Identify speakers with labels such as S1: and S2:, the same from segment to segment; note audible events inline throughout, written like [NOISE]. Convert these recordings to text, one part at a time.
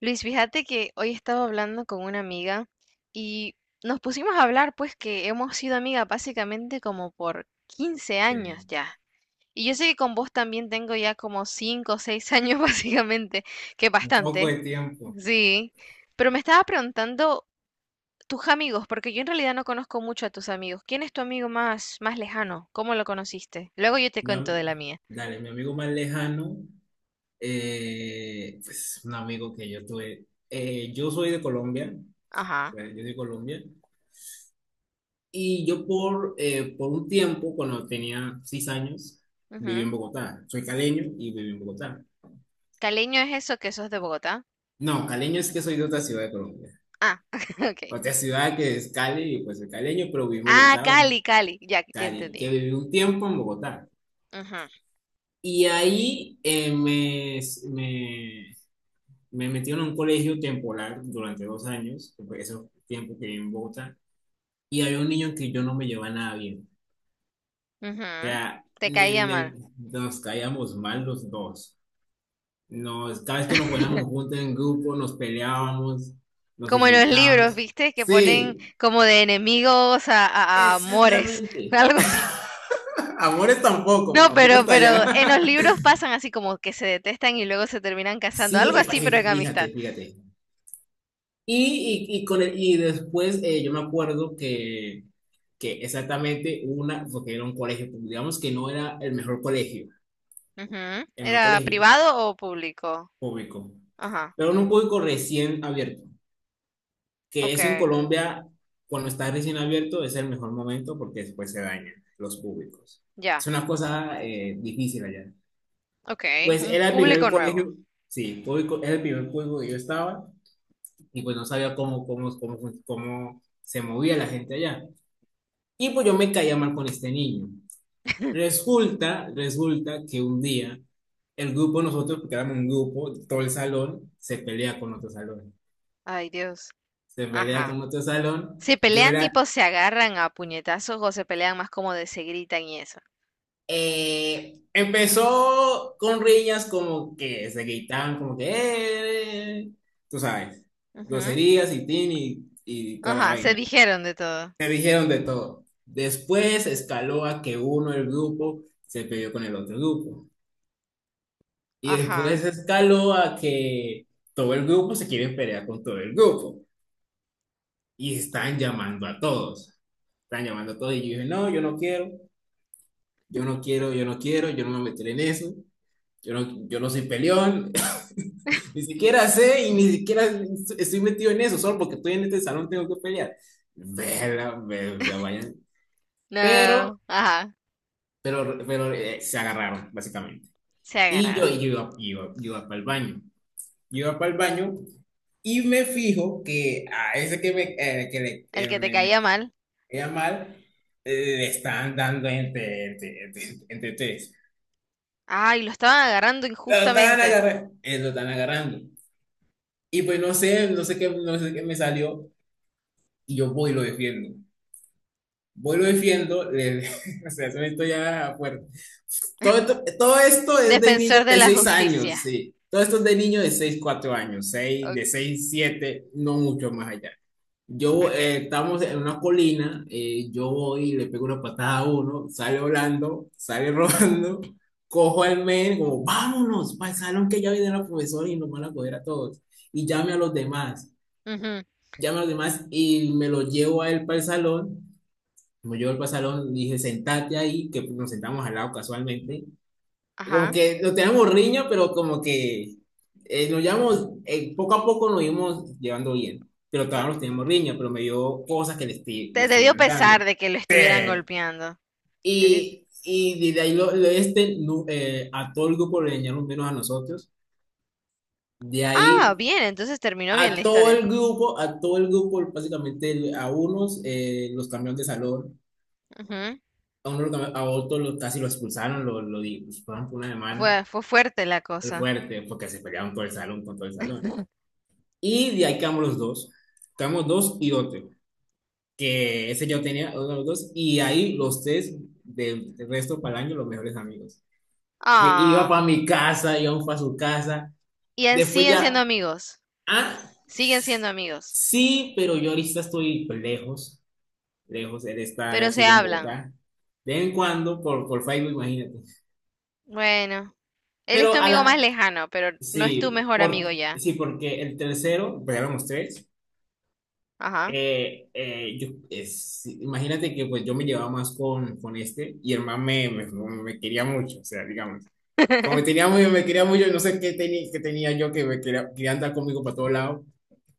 S1: Luis, fíjate que hoy estaba hablando con una amiga y nos pusimos a hablar, pues que hemos sido amigas básicamente como por 15 años
S2: Sí,
S1: ya. Y yo sé que con vos también tengo ya como 5 o 6 años [LAUGHS] básicamente, que es
S2: un poco
S1: bastante,
S2: de tiempo.
S1: sí. Pero me estaba preguntando tus amigos, porque yo en realidad no conozco mucho a tus amigos. ¿Quién es tu amigo más, más lejano? ¿Cómo lo conociste? Luego yo te
S2: Mi
S1: cuento
S2: am-
S1: de la mía.
S2: Dale, mi amigo más lejano, pues un amigo que yo tuve. Yo soy de Colombia,
S1: Ajá.
S2: eh, yo soy de Colombia, y yo por un tiempo, cuando tenía 6 años, viví
S1: Ujú.
S2: en Bogotá. Soy caleño y viví en Bogotá.
S1: Caleño es eso que sos de Bogotá.
S2: No, caleño es que soy de otra ciudad de Colombia.
S1: Ah, [LAUGHS] ok.
S2: Otra ciudad que es Cali, y pues soy caleño, pero viví en
S1: Ah,
S2: Bogotá,
S1: Cali, Cali. Ya, ya
S2: Cali, que
S1: entendí.
S2: viví un tiempo en Bogotá.
S1: Ujú,
S2: Y ahí me, me metí en un colegio temporal durante 2 años, esos fue tiempo que viví en Bogotá, y había un niño que yo no me llevaba nada bien. O
S1: ujú.
S2: sea,
S1: Te caía mal.
S2: nos caíamos mal los dos. Cada vez que nos poníamos
S1: [LAUGHS]
S2: juntos en grupo, nos peleábamos, nos
S1: Como en los libros,
S2: insultábamos.
S1: ¿viste? Que ponen
S2: Sí,
S1: como de enemigos a amores, [LAUGHS]
S2: exactamente.
S1: algo así.
S2: [LAUGHS] Amores tampoco,
S1: No,
S2: tampoco
S1: pero,
S2: está
S1: pero en los
S2: allá. [LAUGHS]
S1: libros pasan así como que se detestan y luego se terminan casando,
S2: Sí,
S1: algo
S2: y
S1: así, pero en amistad.
S2: fíjate, fíjate. Y después yo me acuerdo que exactamente una, porque era un colegio, público, digamos que no era
S1: Ujú.
S2: el mejor
S1: ¿Era
S2: colegio
S1: privado o público?
S2: público,
S1: Ajá,
S2: pero era un público recién abierto, que
S1: ok,
S2: eso en Colombia, cuando está recién abierto, es el mejor momento porque después se dañan los públicos.
S1: ya,
S2: Es una cosa difícil allá.
S1: ok,
S2: Pues
S1: un
S2: era el primer
S1: público nuevo.
S2: colegio, sí, público, era el primer público que yo estaba y pues no sabía cómo se movía la gente allá. Y pues yo me caía mal con este niño.
S1: [LAUGHS]
S2: Resulta que un día el grupo, nosotros, porque éramos un grupo, todo el salón, se pelea con otro salón.
S1: Ay, Dios,
S2: Se pelea
S1: ajá.
S2: con otro salón.
S1: ¿Se
S2: Yo
S1: pelean
S2: era.
S1: tipo se agarran a puñetazos o se pelean más como de se gritan y eso?
S2: Empezó con riñas como que se gritaban, como que, eh, tú sabes,
S1: Ujú.
S2: groserías y tin y toda la
S1: Ajá, se
S2: vaina.
S1: dijeron de todo.
S2: Se dijeron de todo. Después escaló a que uno del grupo se peleó con el otro grupo. Y
S1: Ajá.
S2: después escaló a que todo el grupo se quiere pelear con todo el grupo. Y están llamando a todos. Están llamando a todos. Y yo dije, no, yo no quiero, yo no quiero, yo no quiero, yo no me meteré en eso. Yo no soy peleón. [LAUGHS] Ni siquiera sé y ni siquiera estoy metido en eso. Solo porque estoy en este salón tengo que pelear. Verga, o sea, vayan. Pero,
S1: No. Ajá.
S2: pero se agarraron, básicamente.
S1: Se
S2: Y yo
S1: agarraron.
S2: iba para el baño. Iba para el baño y me fijo que a ese que me, eh, que le-
S1: El
S2: eh,
S1: que te
S2: me, me
S1: caía mal.
S2: quería mal, le estaban dando entre tres.
S1: Ay, lo estaban agarrando
S2: Lo estaban
S1: injustamente.
S2: agarrando, lo estaban agarrando. Y pues no sé qué me salió y yo voy y lo defiendo. Voy y lo defiendo, [LAUGHS] o sea, eso esto ya fuerte. Todo esto es de
S1: Defensor
S2: niños
S1: de
S2: de
S1: la
S2: 6
S1: justicia.
S2: años, sí. Todo esto es de niños de 6 4 años, 6
S1: O-
S2: de 6 7 no mucho más allá. Yo
S1: Ok.
S2: estamos en una colina, yo voy y le pego una patada a uno, sale volando, sale [LAUGHS] rodando, cojo al men, como vámonos para el salón que ya viene la profesora y nos van a coger a todos. Y llame a los demás,
S1: Ujú.
S2: llame a los demás y me lo llevo a él para el salón. Me llevo para el salón, dije sentate ahí, que nos sentamos al lado casualmente como
S1: Ajá.
S2: que lo teníamos riña, pero como que nos llevamos, poco a poco nos íbamos llevando bien, pero
S1: Uh,
S2: todavía nos teníamos riña, pero me dio cosas que le
S1: te dio
S2: estuvieran
S1: pesar
S2: dando.
S1: de que lo
S2: Sí.
S1: estuvieran golpeando. Decís,
S2: Y de ahí a todo el grupo le dañaron menos a nosotros. De
S1: ah,
S2: ahí
S1: bien, entonces terminó
S2: a
S1: bien la
S2: todo
S1: historia.
S2: el grupo, a todo el grupo, básicamente a unos los cambiaron de salón,
S1: Ujú.
S2: a, a otros casi lo expulsaron, lo expulsaron por una semana.
S1: Fue fuerte la
S2: Fue
S1: cosa.
S2: fuerte, porque se pelearon todo el salón con todo el salón. Y de ahí quedamos los dos. Quedamos dos y otro. Que ese yo tenía otro de los dos. Y ahí los tres del resto para el año, los mejores amigos. Iba
S1: Ah.
S2: para mi casa, iba para su casa.
S1: Y en
S2: Después
S1: siguen siendo
S2: ya,
S1: amigos.
S2: ah,
S1: Siguen siendo amigos,
S2: sí, pero yo ahorita estoy pues, lejos. Lejos, él está,
S1: pero se
S2: sigue en
S1: hablan.
S2: Bogotá. De vez en cuando, por Facebook, imagínate.
S1: Bueno, él es tu
S2: Pero a
S1: amigo más
S2: la,
S1: lejano, pero no es tu
S2: sí,
S1: mejor amigo ya.
S2: sí, porque el tercero, pues éramos tres.
S1: Ajá.
S2: Imagínate que pues yo me llevaba más con este y el man me quería mucho, o sea, digamos, como me tenía
S1: [LAUGHS]
S2: muy, me quería mucho, no sé qué tenía yo que quería andar conmigo para todos lados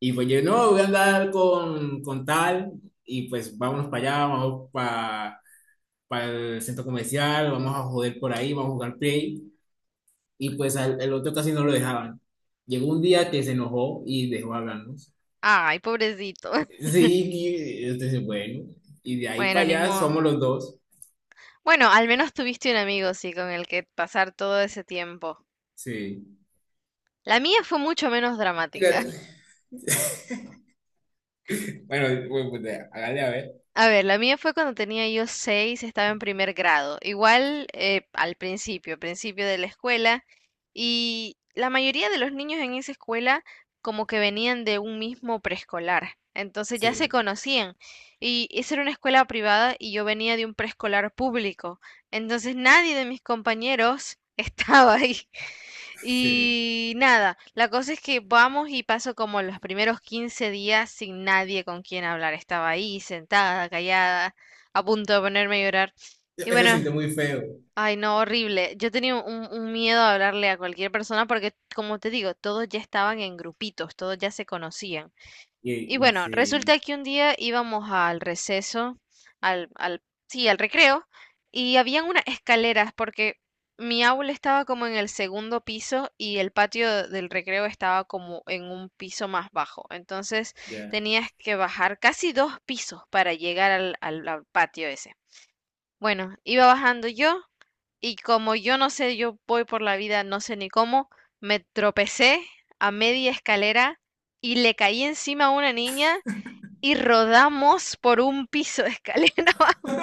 S2: y pues yo, no, voy a andar con tal y pues vámonos para allá, vamos para el centro comercial, vamos a joder por ahí, vamos a jugar play y pues el otro casi no lo dejaban. Llegó un día que se enojó y dejó hablarnos.
S1: Ay, pobrecito. [LAUGHS]
S2: Sí, y, este, dice, bueno, y de ahí
S1: Bueno,
S2: para
S1: ni
S2: allá somos
S1: modo.
S2: los dos.
S1: Bueno, al menos tuviste un amigo, sí, con el que pasar todo ese tiempo.
S2: Sí.
S1: La mía fue mucho menos
S2: Mira,
S1: dramática.
S2: [LAUGHS] bueno, pues, hágale a ver.
S1: A ver, la mía fue cuando tenía yo 6, estaba en primer grado, igual al principio de la escuela, y la mayoría de los niños en esa escuela como que venían de un mismo preescolar, entonces ya se
S2: Sí,
S1: conocían, y esa era una escuela privada y yo venía de un preescolar público, entonces nadie de mis compañeros [LAUGHS] estaba ahí.
S2: sí.
S1: Y nada, la cosa es que vamos y paso como los primeros 15 días sin nadie con quien hablar. Estaba ahí sentada, callada, a punto de ponerme a llorar. Y
S2: Se
S1: bueno,
S2: siente muy feo.
S1: ay no, horrible. Yo tenía un miedo a hablarle a cualquier persona porque, como te digo, todos ya estaban en grupitos, todos ya se conocían. Y
S2: Y
S1: bueno, resulta
S2: sí,
S1: que un día íbamos al receso, al, al, sí, al recreo, y habían unas escaleras porque mi aula estaba como en el segundo piso y el patio del recreo estaba como en un piso más bajo. Entonces
S2: ya.
S1: tenías que bajar casi dos pisos para llegar al patio ese. Bueno, iba bajando yo y como yo no sé, yo voy por la vida, no sé ni cómo, me tropecé a media escalera y le caí encima a una niña y rodamos por un piso de escalera. [LAUGHS]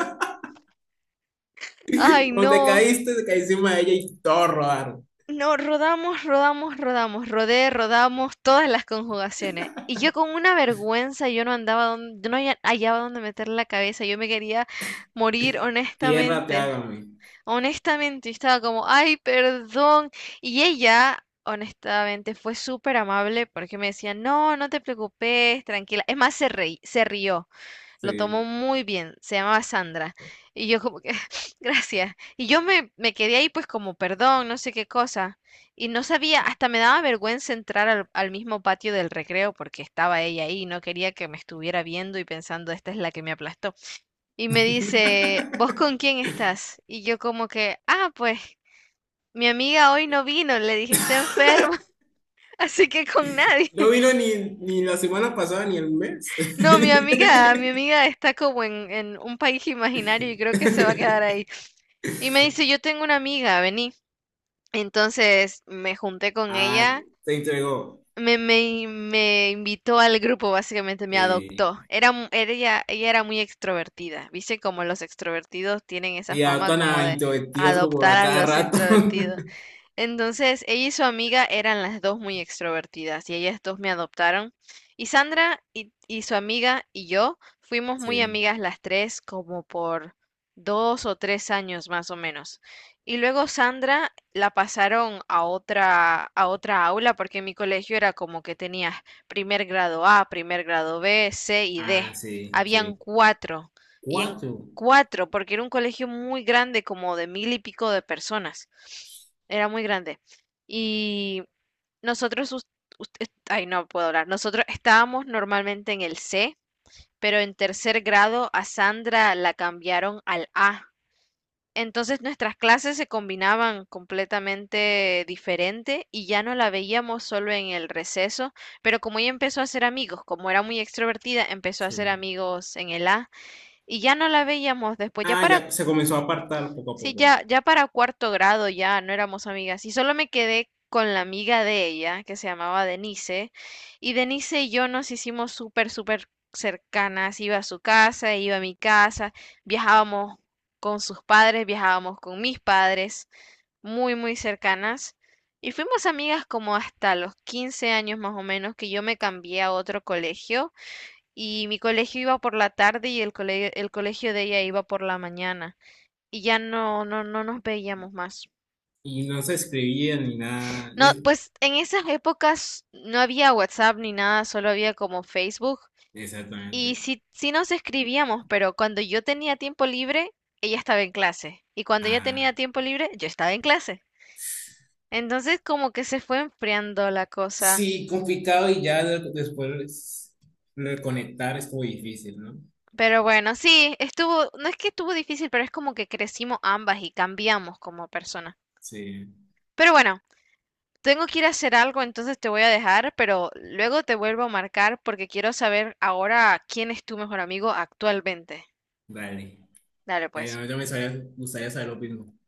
S2: [LAUGHS]
S1: Ay,
S2: Cuando te
S1: no.
S2: caíste, te caí encima de ella y todo rodar.
S1: No, rodamos, rodamos, rodamos, rodé, rodamos, todas las conjugaciones. Y yo con una vergüenza, yo no andaba donde, yo no hallaba dónde meter la cabeza, yo me quería morir
S2: Tierra te
S1: honestamente.
S2: hágame.
S1: Honestamente, yo estaba como, ay, perdón. Y ella, honestamente, fue súper amable porque me decía, no, no te preocupes, tranquila. Es más, se rió. Lo tomó
S2: Sí.
S1: muy bien, se llamaba Sandra. Y yo como que, [LAUGHS] gracias. Y yo me quedé ahí pues como, perdón, no sé qué cosa. Y no sabía, hasta me daba vergüenza entrar al mismo patio del recreo porque estaba ella ahí y no quería que me estuviera viendo y pensando, esta es la que me aplastó. Y me dice, ¿vos con
S2: [LAUGHS]
S1: quién estás? Y yo como que, ah, pues mi amiga hoy no vino, le dije, está enferma, [LAUGHS] así que con nadie.
S2: No
S1: [LAUGHS]
S2: vino ni la semana pasada ni el mes.
S1: No, mi amiga está como en un país imaginario y creo que se va a quedar
S2: [LAUGHS]
S1: ahí. Y me dice, yo tengo una amiga, vení. Entonces me junté con
S2: Ah,
S1: ella,
S2: se entregó.
S1: me invitó al grupo, básicamente me
S2: Sí.
S1: adoptó. Era, mu- era ella, ella era muy extrovertida. Viste como los extrovertidos tienen esa
S2: Y
S1: fama
S2: adoptan
S1: como
S2: a
S1: de
S2: introvertidos como
S1: adoptar
S2: a
S1: a
S2: cada
S1: los
S2: rato.
S1: introvertidos.
S2: [LAUGHS]
S1: Entonces, ella y su amiga eran las dos muy extrovertidas y ellas dos me adoptaron. Y Sandra y su amiga y yo fuimos muy
S2: Sí.
S1: amigas las tres como por 2 o 3 años más o menos. Y luego Sandra la pasaron a otra aula porque en mi colegio era como que tenías primer grado A, primer grado B, C y D.
S2: Ah, sí,
S1: Habían
S2: sí.
S1: cuatro. Y en
S2: Cuatro.
S1: cuatro, porque era un colegio muy grande, como de mil y pico de personas era muy grande. Y nosotros, us- ay, no puedo hablar, nosotros estábamos normalmente en el C, pero en tercer grado a Sandra la cambiaron al A. Entonces nuestras clases se combinaban completamente diferente y ya no la veíamos solo en el receso, pero como ella empezó a hacer amigos, como era muy extrovertida, empezó a hacer
S2: Sí.
S1: amigos en el A y ya no la veíamos después. Ya
S2: Ah,
S1: para
S2: ya se comenzó a apartar poco a
S1: Sí,
S2: poco.
S1: ya para cuarto grado ya no éramos amigas y solo me quedé con la amiga de ella que se llamaba Denise y Denise y yo nos hicimos súper, súper cercanas. Iba a su casa, iba a mi casa, viajábamos con sus padres, viajábamos con mis padres, muy, muy cercanas y fuimos amigas como hasta los 15 años más o menos que yo me cambié a otro colegio y mi colegio iba por la tarde y el colegio de ella iba por la mañana y ya no nos veíamos más.
S2: Y no se escribía ni nada.
S1: No,
S2: Sí,
S1: pues en esas épocas no había WhatsApp ni nada, solo había como Facebook. Y
S2: exactamente.
S1: sí, sí nos escribíamos, pero cuando yo tenía tiempo libre, ella estaba en clase. Y cuando ella
S2: Ah.
S1: tenía tiempo libre, yo estaba en clase. Entonces como que se fue enfriando la cosa.
S2: Sí, complicado y ya después reconectar es muy difícil, ¿no?
S1: Pero bueno, sí, estuvo, no es que estuvo difícil, pero es como que crecimos ambas y cambiamos como personas.
S2: Sí,
S1: Pero bueno, tengo que ir a hacer algo, entonces te voy a dejar, pero luego te vuelvo a marcar porque quiero saber ahora quién es tu mejor amigo actualmente.
S2: dale.
S1: Dale
S2: Ya,
S1: pues.
S2: ya, ya gustaría saber lo mismo.